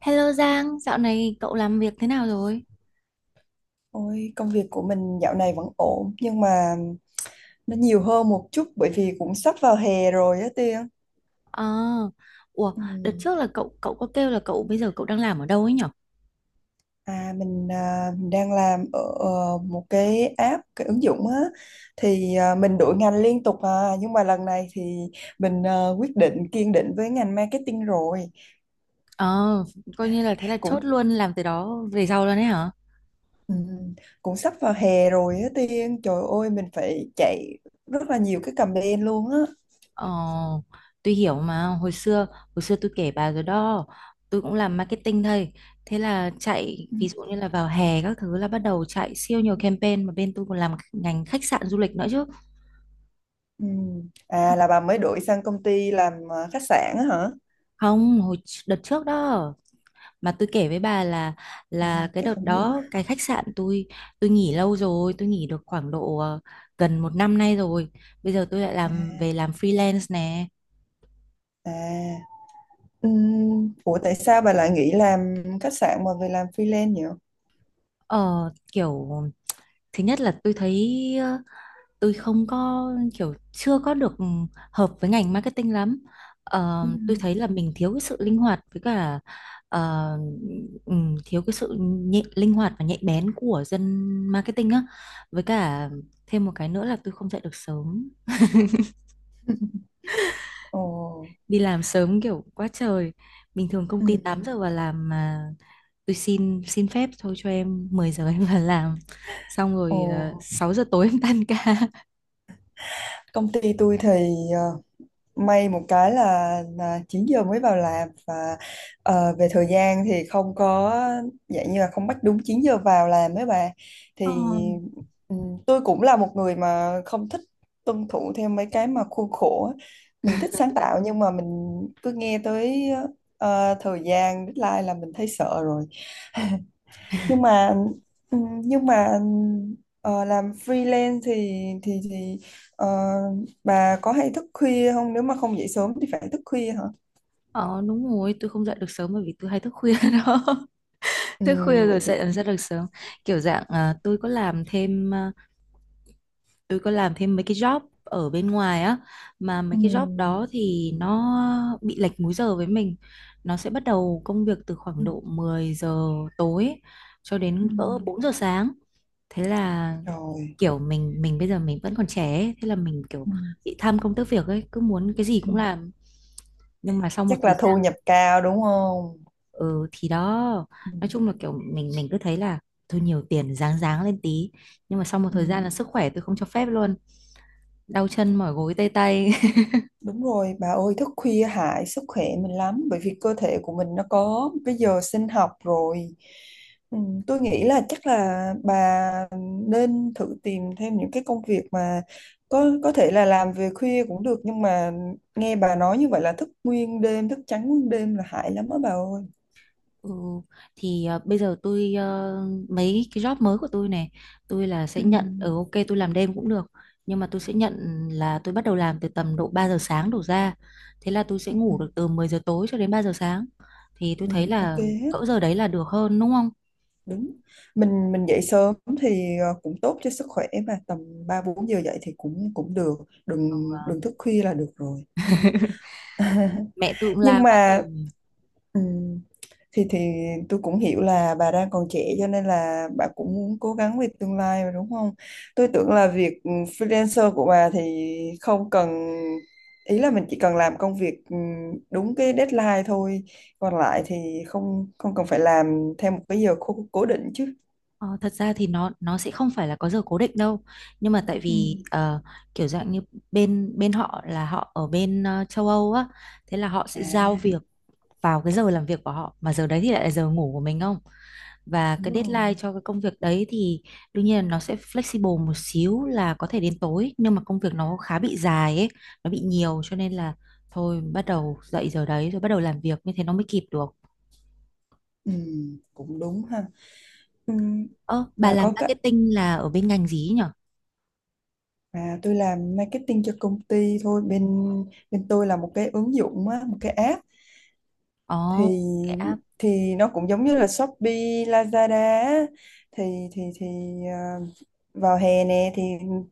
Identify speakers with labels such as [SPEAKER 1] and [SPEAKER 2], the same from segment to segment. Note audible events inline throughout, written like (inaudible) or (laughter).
[SPEAKER 1] Hello Giang, dạo này cậu làm việc thế nào rồi?
[SPEAKER 2] Ôi, công việc của mình dạo này vẫn ổn nhưng mà nó nhiều hơn một chút bởi vì cũng sắp vào hè rồi á, Tiên.
[SPEAKER 1] Ờ, ủa,
[SPEAKER 2] Ừ.
[SPEAKER 1] đợt trước là cậu cậu có kêu là cậu bây giờ cậu đang làm ở đâu ấy nhở?
[SPEAKER 2] À, mình đang làm ở một cái app, cái ứng dụng á, thì mình đổi ngành liên tục, nhưng mà lần này thì mình quyết định kiên định với ngành marketing rồi.
[SPEAKER 1] Ờ, coi như là thế là chốt
[SPEAKER 2] Cũng
[SPEAKER 1] luôn làm từ đó về sau luôn đấy hả?
[SPEAKER 2] ừ, cũng sắp vào hè rồi á, Tiên. Trời ơi, mình phải chạy rất là nhiều cái campaign luôn á.
[SPEAKER 1] Ờ, tôi hiểu mà, hồi xưa tôi kể bà rồi đó, tôi cũng làm marketing thôi. Thế là chạy, ví dụ như là vào hè các thứ là bắt đầu chạy siêu nhiều campaign mà bên tôi còn làm ngành khách sạn du lịch nữa chứ.
[SPEAKER 2] Ừ. À, là bà mới đổi sang công ty làm khách sạn á hả?
[SPEAKER 1] Không, hồi đợt trước đó. Mà tôi kể với bà là
[SPEAKER 2] À,
[SPEAKER 1] cái
[SPEAKER 2] chứ
[SPEAKER 1] đợt
[SPEAKER 2] không nhớ.
[SPEAKER 1] đó cái khách sạn tôi nghỉ lâu rồi, tôi nghỉ được khoảng độ gần một năm nay rồi, bây giờ tôi lại
[SPEAKER 2] À,
[SPEAKER 1] làm về làm freelance nè.
[SPEAKER 2] à. Ủa tại sao bà lại nghỉ làm khách sạn mà về làm freelance nhỉ?
[SPEAKER 1] Ờ Kiểu thứ nhất là tôi thấy tôi không có kiểu chưa có được hợp với ngành marketing lắm. Ờ, tôi
[SPEAKER 2] Ừm.
[SPEAKER 1] thấy là mình thiếu cái sự linh hoạt với cả ờ, thiếu cái sự nhạy, linh hoạt và nhạy bén của dân marketing á. Với cả thêm một cái nữa là tôi không dậy được sớm,
[SPEAKER 2] Ồ.
[SPEAKER 1] đi làm sớm kiểu quá trời. Bình thường công ty 8
[SPEAKER 2] Ừm.
[SPEAKER 1] giờ vào làm mà tôi xin xin phép thôi cho em 10 giờ em vào làm, xong
[SPEAKER 2] Ồ.
[SPEAKER 1] rồi 6 giờ tối em tan ca.
[SPEAKER 2] Công ty tôi thì ờ, may một cái là, 9 giờ mới vào làm, và về thời gian thì không có, dạng như là không bắt đúng 9 giờ vào làm mấy bà,
[SPEAKER 1] Ờ.
[SPEAKER 2] thì ừ, tôi cũng là một người mà không thích tuân thủ theo mấy cái mà khuôn khổ á. Mình thích sáng tạo nhưng mà mình cứ nghe tới thời gian deadline là mình thấy sợ rồi, nhưng mà ừ, nhưng mà làm freelance thì thì thì ờ, bà có hay thức khuya không? Nếu mà không dậy sớm thì phải thức khuya hả?
[SPEAKER 1] Ờ đúng rồi, tôi không dậy được sớm bởi vì tôi hay thức khuya (laughs) đó. Thức khuya
[SPEAKER 2] Vậy
[SPEAKER 1] rồi
[SPEAKER 2] thì
[SPEAKER 1] sẽ dậy làm
[SPEAKER 2] cũng
[SPEAKER 1] sao được sớm. Kiểu dạng tôi có làm thêm, tôi có làm thêm mấy cái job ở bên ngoài á, mà mấy cái job
[SPEAKER 2] ừm,
[SPEAKER 1] đó thì nó bị lệch múi giờ với mình. Nó sẽ bắt đầu công việc từ khoảng
[SPEAKER 2] ừm,
[SPEAKER 1] độ 10 giờ tối cho đến cỡ
[SPEAKER 2] ừm.
[SPEAKER 1] 4 giờ sáng. Thế là
[SPEAKER 2] Rồi.
[SPEAKER 1] kiểu mình bây giờ mình vẫn còn trẻ ấy. Thế là mình kiểu
[SPEAKER 2] Ừm,
[SPEAKER 1] bị tham công tiếc việc ấy, cứ muốn cái gì cũng
[SPEAKER 2] ừm.
[SPEAKER 1] làm. Nhưng mà sau một
[SPEAKER 2] Chắc
[SPEAKER 1] thời
[SPEAKER 2] là
[SPEAKER 1] gian,
[SPEAKER 2] thu nhập cao đúng không?
[SPEAKER 1] ừ thì đó,
[SPEAKER 2] Ừm,
[SPEAKER 1] nói chung là kiểu mình cứ thấy là thôi nhiều tiền ráng ráng lên tí, nhưng mà sau một thời gian là
[SPEAKER 2] ừm.
[SPEAKER 1] sức khỏe tôi không cho phép luôn, đau chân mỏi gối tê tay (laughs)
[SPEAKER 2] Đúng rồi, bà ơi, thức khuya hại sức khỏe mình lắm bởi vì cơ thể của mình nó có cái giờ sinh học rồi. Ừ, tôi nghĩ là chắc là bà nên thử tìm thêm những cái công việc mà có thể là làm về khuya cũng được, nhưng mà nghe bà nói như vậy là thức nguyên đêm, thức trắng nguyên đêm là hại lắm á bà ơi.
[SPEAKER 1] ừ, thì bây giờ tôi, mấy cái job mới của tôi này, tôi là sẽ
[SPEAKER 2] Ừ.
[SPEAKER 1] nhận ở ok tôi làm đêm cũng được, nhưng mà tôi sẽ nhận là tôi bắt đầu làm từ tầm độ 3 giờ sáng đổ ra, thế là tôi sẽ
[SPEAKER 2] Ừ.
[SPEAKER 1] ngủ được từ 10 giờ tối cho đến 3 giờ sáng, thì tôi
[SPEAKER 2] Ừ,
[SPEAKER 1] thấy
[SPEAKER 2] ok
[SPEAKER 1] là
[SPEAKER 2] hết,
[SPEAKER 1] cỡ giờ đấy là được hơn đúng không.
[SPEAKER 2] đúng. Mình dậy sớm thì cũng tốt cho sức khỏe, và tầm 3 4 giờ dậy thì cũng cũng được, đừng
[SPEAKER 1] Ừ,
[SPEAKER 2] đừng thức khuya là được rồi. (laughs)
[SPEAKER 1] mẹ tôi cũng
[SPEAKER 2] Nhưng
[SPEAKER 1] la quá
[SPEAKER 2] mà
[SPEAKER 1] trời.
[SPEAKER 2] ừm, thì tôi cũng hiểu là bà đang còn trẻ, cho nên là bà cũng muốn cố gắng về tương lai mà, đúng không? Tôi tưởng là việc freelancer của bà thì không cần, ý là mình chỉ cần làm công việc đúng cái deadline thôi, còn lại thì không không cần phải làm theo một cái giờ cố định chứ.
[SPEAKER 1] Ờ, thật ra thì nó sẽ không phải là có giờ cố định đâu, nhưng mà tại vì
[SPEAKER 2] Ừm.
[SPEAKER 1] kiểu dạng như bên bên họ là họ ở bên châu Âu á, thế là họ sẽ giao
[SPEAKER 2] À,
[SPEAKER 1] việc vào cái giờ làm việc của họ, mà giờ đấy thì lại là giờ ngủ của mình không, và
[SPEAKER 2] đúng
[SPEAKER 1] cái
[SPEAKER 2] rồi.
[SPEAKER 1] deadline cho cái công việc đấy thì đương nhiên là nó sẽ flexible một xíu là có thể đến tối, nhưng mà công việc nó khá bị dài ấy, nó bị nhiều cho nên là thôi bắt đầu dậy giờ đấy rồi bắt đầu làm việc như thế nó mới kịp được.
[SPEAKER 2] Cũng đúng ha. Ừm,
[SPEAKER 1] Ơ bà
[SPEAKER 2] bà
[SPEAKER 1] làm
[SPEAKER 2] có cái.
[SPEAKER 1] marketing là ở bên ngành gì ấy nhở?
[SPEAKER 2] À, tôi làm marketing cho công ty thôi, bên bên tôi là một cái ứng dụng á, một cái app,
[SPEAKER 1] Ồ,
[SPEAKER 2] thì
[SPEAKER 1] oh,
[SPEAKER 2] thì nó cũng giống như là Shopee, Lazada á. thì thì thì à, Vào hè nè thì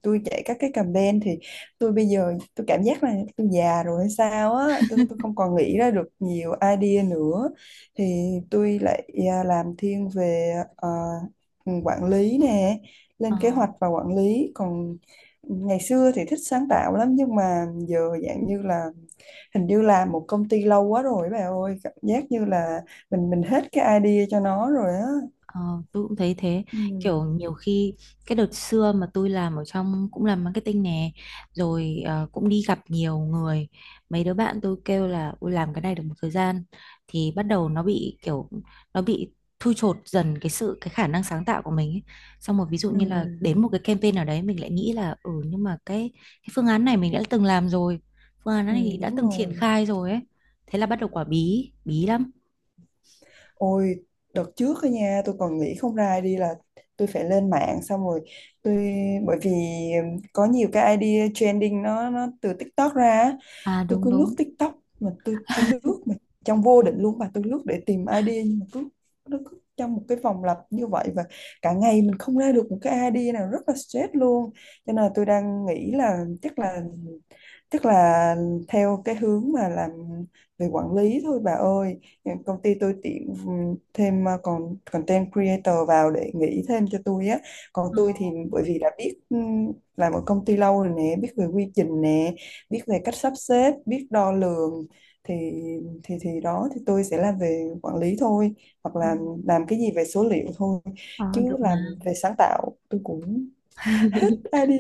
[SPEAKER 2] tôi chạy các cái campaign, thì tôi bây giờ tôi cảm giác là tôi già rồi hay sao á, tôi không còn nghĩ ra được nhiều idea nữa. Thì tôi lại làm thiên về quản lý nè,
[SPEAKER 1] ờ,
[SPEAKER 2] lên kế hoạch và quản lý. Còn ngày xưa thì thích sáng tạo lắm, nhưng mà giờ dạng như là, hình như là một công ty lâu quá rồi bà ơi, cảm giác như là mình hết cái idea cho nó rồi á.
[SPEAKER 1] ờ, tôi cũng thấy thế.
[SPEAKER 2] Ừ,
[SPEAKER 1] Kiểu nhiều khi cái đợt xưa mà tôi làm ở trong cũng làm marketing nè, rồi cũng đi gặp nhiều người, mấy đứa bạn tôi kêu là ôi làm cái này được một thời gian thì bắt đầu nó bị kiểu nó bị thui chột dần cái sự, cái khả năng sáng tạo của mình ấy. Xong rồi ví dụ
[SPEAKER 2] ừ,
[SPEAKER 1] như là đến một cái campaign nào đấy mình lại nghĩ là ừ nhưng mà cái phương án này mình đã từng làm rồi, phương án
[SPEAKER 2] ừ,
[SPEAKER 1] này đã
[SPEAKER 2] đúng
[SPEAKER 1] từng triển
[SPEAKER 2] rồi.
[SPEAKER 1] khai rồi ấy, thế là bắt đầu quả bí bí lắm.
[SPEAKER 2] Ôi đợt trước á nha, tôi còn nghĩ không ra idea là tôi phải lên mạng, xong rồi tôi, bởi vì có nhiều cái idea trending, nó từ TikTok ra á.
[SPEAKER 1] À
[SPEAKER 2] Tôi
[SPEAKER 1] đúng
[SPEAKER 2] cứ
[SPEAKER 1] đúng.
[SPEAKER 2] lướt TikTok mà tôi lướt mà trong vô định luôn, và tôi lướt để tìm idea, nhưng mà cứ, nó cứ trong một cái vòng lặp như vậy, và cả ngày mình không ra được một cái idea nào, rất là stress luôn. Cho nên là tôi đang nghĩ là chắc là theo cái hướng mà làm về quản lý thôi bà ơi. Công ty tôi tuyển thêm còn content creator vào để nghĩ thêm cho tôi á, còn tôi thì bởi vì đã biết, làm ở công ty lâu rồi nè, biết về quy trình nè, biết về cách sắp xếp, biết đo lường, thì thì đó, thì tôi sẽ làm về quản lý thôi, hoặc
[SPEAKER 1] Ờ.
[SPEAKER 2] là làm cái gì về số liệu thôi,
[SPEAKER 1] Ờ,
[SPEAKER 2] chứ
[SPEAKER 1] được
[SPEAKER 2] làm
[SPEAKER 1] mà.
[SPEAKER 2] về sáng tạo tôi cũng đã đi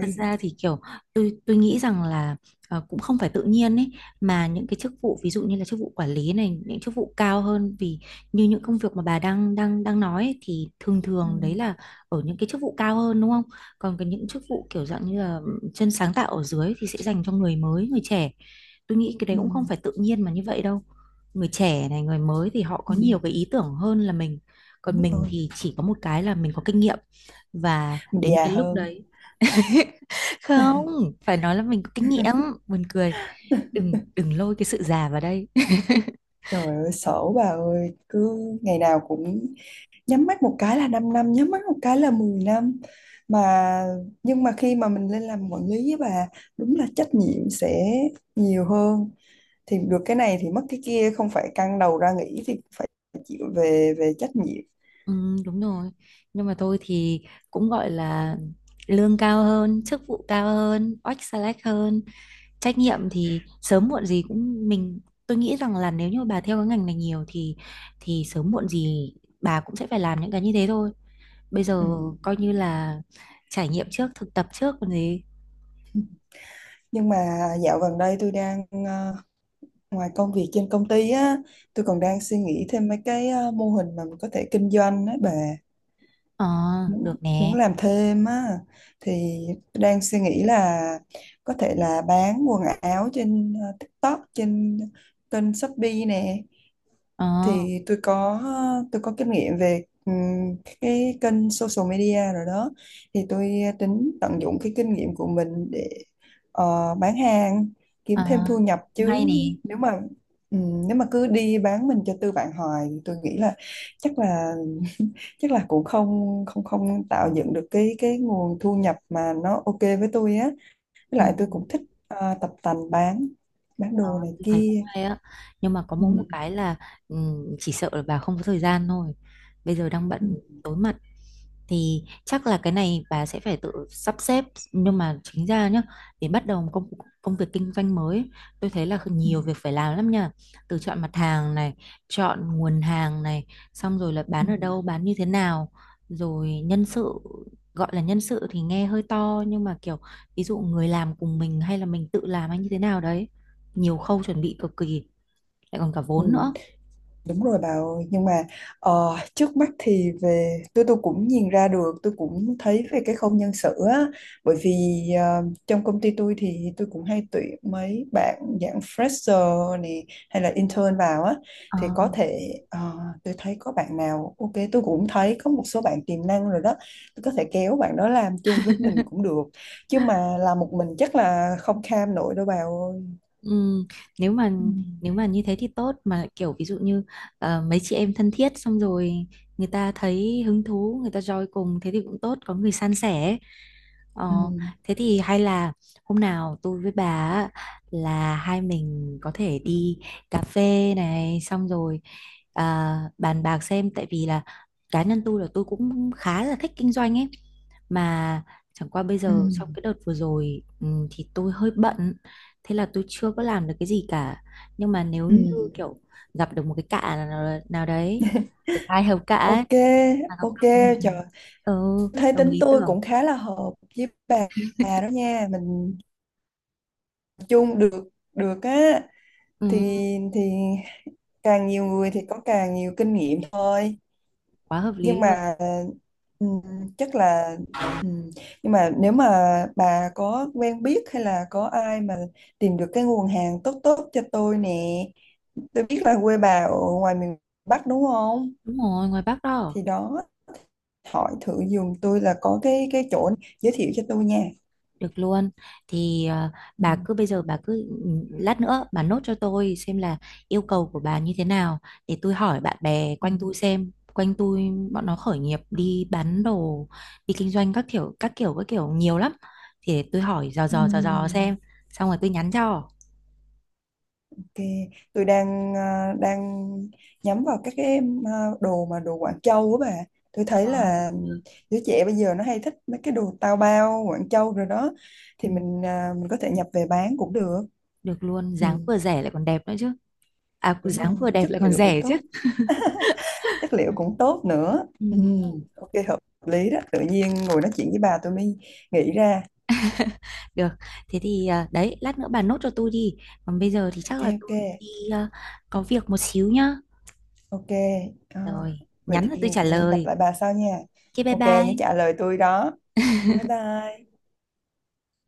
[SPEAKER 1] Thật ra thì kiểu tôi nghĩ rằng là cũng không phải tự nhiên ấy, mà những cái chức vụ ví dụ như là chức vụ quản lý này, những chức vụ cao hơn, vì như những công việc mà bà đang đang đang nói ấy, thì thường
[SPEAKER 2] Ừ,
[SPEAKER 1] thường đấy là ở những cái chức vụ cao hơn đúng không? Còn cái những chức vụ kiểu dạng như là chân sáng tạo ở dưới thì sẽ dành cho người mới, người trẻ. Tôi nghĩ cái đấy
[SPEAKER 2] ừ,
[SPEAKER 1] cũng không phải tự nhiên mà như vậy đâu. Người trẻ này, người mới thì họ có
[SPEAKER 2] ừ,
[SPEAKER 1] nhiều cái ý tưởng hơn là mình. Còn
[SPEAKER 2] đúng
[SPEAKER 1] mình
[SPEAKER 2] rồi,
[SPEAKER 1] thì chỉ có một cái là mình có kinh nghiệm, và
[SPEAKER 2] mình
[SPEAKER 1] đến
[SPEAKER 2] già
[SPEAKER 1] cái lúc
[SPEAKER 2] hơn.
[SPEAKER 1] đấy không phải nói là mình có kinh nghiệm, buồn cười, đừng đừng lôi cái sự già vào đây (laughs)
[SPEAKER 2] Trời ơi sợ bà ơi, cứ ngày nào cũng nhắm mắt một cái là 5 năm, nhắm mắt một cái là 10 năm mà. Nhưng mà khi mà mình lên làm quản lý với bà, đúng là trách nhiệm sẽ nhiều hơn, thì được cái này thì mất cái kia, không phải căng đầu ra nghĩ thì phải chịu về về trách nhiệm.
[SPEAKER 1] ừ, đúng rồi, nhưng mà tôi thì cũng gọi là lương cao hơn, chức vụ cao hơn, oách select hơn, trách nhiệm thì sớm muộn gì cũng mình. Tôi nghĩ rằng là nếu như bà theo cái ngành này nhiều thì sớm muộn gì bà cũng sẽ phải làm những cái như thế thôi. Bây
[SPEAKER 2] Ừ.
[SPEAKER 1] giờ coi như là trải nghiệm trước, thực tập trước còn gì.
[SPEAKER 2] Nhưng mà dạo gần đây tôi đang ngoài công việc trên công ty á, tôi còn đang suy nghĩ thêm mấy cái mô hình mà mình có thể kinh doanh á bà,
[SPEAKER 1] Ờ,
[SPEAKER 2] muốn
[SPEAKER 1] được
[SPEAKER 2] muốn
[SPEAKER 1] nè.
[SPEAKER 2] làm thêm á. Thì tôi đang suy nghĩ là có thể là bán quần áo trên TikTok, trên kênh Shopee nè.
[SPEAKER 1] Ờ,
[SPEAKER 2] Thì tôi có kinh nghiệm về cái kênh social media rồi đó. Thì tôi tính tận dụng cái kinh nghiệm của mình để bán hàng kiếm
[SPEAKER 1] ờ,
[SPEAKER 2] thêm thu nhập
[SPEAKER 1] cũng hay
[SPEAKER 2] chứ.
[SPEAKER 1] nè.
[SPEAKER 2] Nếu mà ừm, nếu mà cứ đi bán mình cho tư bản hoài thì tôi nghĩ là chắc là chắc là cũng không không không tạo dựng được cái nguồn thu nhập mà nó ok với tôi á, với
[SPEAKER 1] Ừ.
[SPEAKER 2] lại tôi cũng thích tập tành bán
[SPEAKER 1] Ờ,
[SPEAKER 2] đồ này
[SPEAKER 1] tôi thấy cũng
[SPEAKER 2] kia.
[SPEAKER 1] hay á, nhưng mà có mỗi một
[SPEAKER 2] Ừ.
[SPEAKER 1] cái là chỉ sợ là bà không có thời gian thôi, bây giờ đang
[SPEAKER 2] Ừ.
[SPEAKER 1] bận tối mặt, thì chắc là cái này bà sẽ phải tự sắp xếp. Nhưng mà chính ra nhá, để bắt đầu một công công việc kinh doanh mới ấy, tôi thấy là
[SPEAKER 2] Ừ.
[SPEAKER 1] nhiều việc phải làm lắm nha, từ chọn mặt hàng này, chọn nguồn hàng này, xong rồi là
[SPEAKER 2] Ừ.
[SPEAKER 1] bán ở đâu, bán như thế nào, rồi nhân sự, gọi là nhân sự thì nghe hơi to nhưng mà kiểu ví dụ người làm cùng mình hay là mình tự làm hay như thế nào đấy, nhiều khâu chuẩn bị cực kỳ, lại còn cả
[SPEAKER 2] Ừ.
[SPEAKER 1] vốn nữa.
[SPEAKER 2] Đúng rồi bà ơi, nhưng mà trước mắt thì về, tôi cũng nhìn ra được, tôi cũng thấy về cái khâu nhân sự á, bởi vì trong công ty tôi thì tôi cũng hay tuyển mấy bạn dạng fresher này hay là intern vào á,
[SPEAKER 1] Ờ,
[SPEAKER 2] thì có thể tôi thấy có bạn nào ok, tôi cũng thấy có một số bạn tiềm năng rồi đó, tôi có thể kéo bạn đó làm chung với mình cũng được, chứ mà làm một mình chắc là không kham nổi đâu bà ơi.
[SPEAKER 1] ừm, nếu mà
[SPEAKER 2] Ừ.
[SPEAKER 1] nếu mà như thế thì tốt mà, kiểu ví dụ như mấy chị em thân thiết xong rồi người ta thấy hứng thú, người ta join cùng, thế thì cũng tốt, có người san sẻ. Ờ,
[SPEAKER 2] Ừ.
[SPEAKER 1] thế thì hay là hôm nào tôi với bà á, là hai mình có thể đi cà phê này, xong rồi bàn bạc xem, tại vì là cá nhân tôi là tôi cũng khá là thích kinh doanh ấy, mà chẳng qua bây
[SPEAKER 2] Ừ.
[SPEAKER 1] giờ trong cái đợt vừa rồi thì tôi hơi bận, thế là tôi chưa có làm được cái gì cả. Nhưng mà nếu
[SPEAKER 2] Ừ.
[SPEAKER 1] như kiểu gặp được một cái cạ nào đấy, được hai hầu cạ ấy
[SPEAKER 2] Ok,
[SPEAKER 1] mà nó
[SPEAKER 2] ok,
[SPEAKER 1] cầm được,
[SPEAKER 2] trời,
[SPEAKER 1] ừ,
[SPEAKER 2] thấy
[SPEAKER 1] đồng
[SPEAKER 2] tính
[SPEAKER 1] ý
[SPEAKER 2] tôi
[SPEAKER 1] tưởng.
[SPEAKER 2] cũng khá là hợp với bà đó nha, mình chung được được á,
[SPEAKER 1] Ừ.
[SPEAKER 2] thì thì càng nhiều người thì có càng nhiều kinh nghiệm thôi.
[SPEAKER 1] Quá hợp lý
[SPEAKER 2] Nhưng
[SPEAKER 1] luôn.
[SPEAKER 2] mà ừm, chắc là ừm, nhưng mà nếu mà bà có quen biết hay là có ai mà tìm được cái nguồn hàng tốt tốt cho tôi nè, tôi biết là quê bà ở ngoài miền Bắc đúng không?
[SPEAKER 1] Đúng rồi, ngoài Bắc đó.
[SPEAKER 2] Thì đó, hỏi thử giùm tôi là có cái chỗ, giới thiệu cho tôi nha.
[SPEAKER 1] Được luôn, thì
[SPEAKER 2] Ừ,
[SPEAKER 1] bà cứ bây giờ bà cứ lát nữa bà nốt cho tôi xem là yêu cầu của bà như thế nào, để tôi hỏi bạn bè
[SPEAKER 2] ừ,
[SPEAKER 1] quanh tôi xem, quanh tôi bọn nó khởi nghiệp đi bán đồ, đi kinh doanh các kiểu các kiểu các kiểu nhiều lắm, thì để tôi hỏi dò
[SPEAKER 2] ừ.
[SPEAKER 1] dò dò dò xem, xong rồi tôi nhắn cho.
[SPEAKER 2] Ok, tôi đang nhắm vào các cái à, đồ, mà đồ Quảng Châu á bà. Tôi thấy
[SPEAKER 1] Ờ,
[SPEAKER 2] là
[SPEAKER 1] được, được.
[SPEAKER 2] đứa trẻ bây giờ nó hay thích mấy cái đồ tao bao Quảng Châu rồi đó,
[SPEAKER 1] Ừ,
[SPEAKER 2] thì mình có thể nhập về bán cũng được.
[SPEAKER 1] được luôn,
[SPEAKER 2] Ừ,
[SPEAKER 1] dáng vừa rẻ lại còn đẹp nữa chứ, à
[SPEAKER 2] đúng
[SPEAKER 1] dáng
[SPEAKER 2] rồi,
[SPEAKER 1] vừa đẹp
[SPEAKER 2] chất
[SPEAKER 1] lại còn
[SPEAKER 2] liệu cũng
[SPEAKER 1] rẻ chứ.
[SPEAKER 2] tốt, chất liệu cũng tốt nữa.
[SPEAKER 1] Ừ.
[SPEAKER 2] Ừ, ok hợp lý đó. Tự nhiên ngồi nói chuyện với bà tôi mới nghĩ ra.
[SPEAKER 1] Được, thế thì đấy, lát nữa bà nốt cho tôi đi. Còn bây giờ thì
[SPEAKER 2] Ok,
[SPEAKER 1] chắc là
[SPEAKER 2] ok,
[SPEAKER 1] tôi đi à, có việc một xíu nhá.
[SPEAKER 2] ok. À,
[SPEAKER 1] Rồi,
[SPEAKER 2] vậy
[SPEAKER 1] nhắn là
[SPEAKER 2] thì
[SPEAKER 1] tôi trả
[SPEAKER 2] gặp
[SPEAKER 1] lời.
[SPEAKER 2] lại bà sau nha.
[SPEAKER 1] Ok, bye
[SPEAKER 2] Ok, nhớ
[SPEAKER 1] bye.
[SPEAKER 2] trả lời tôi đó. Bái bai.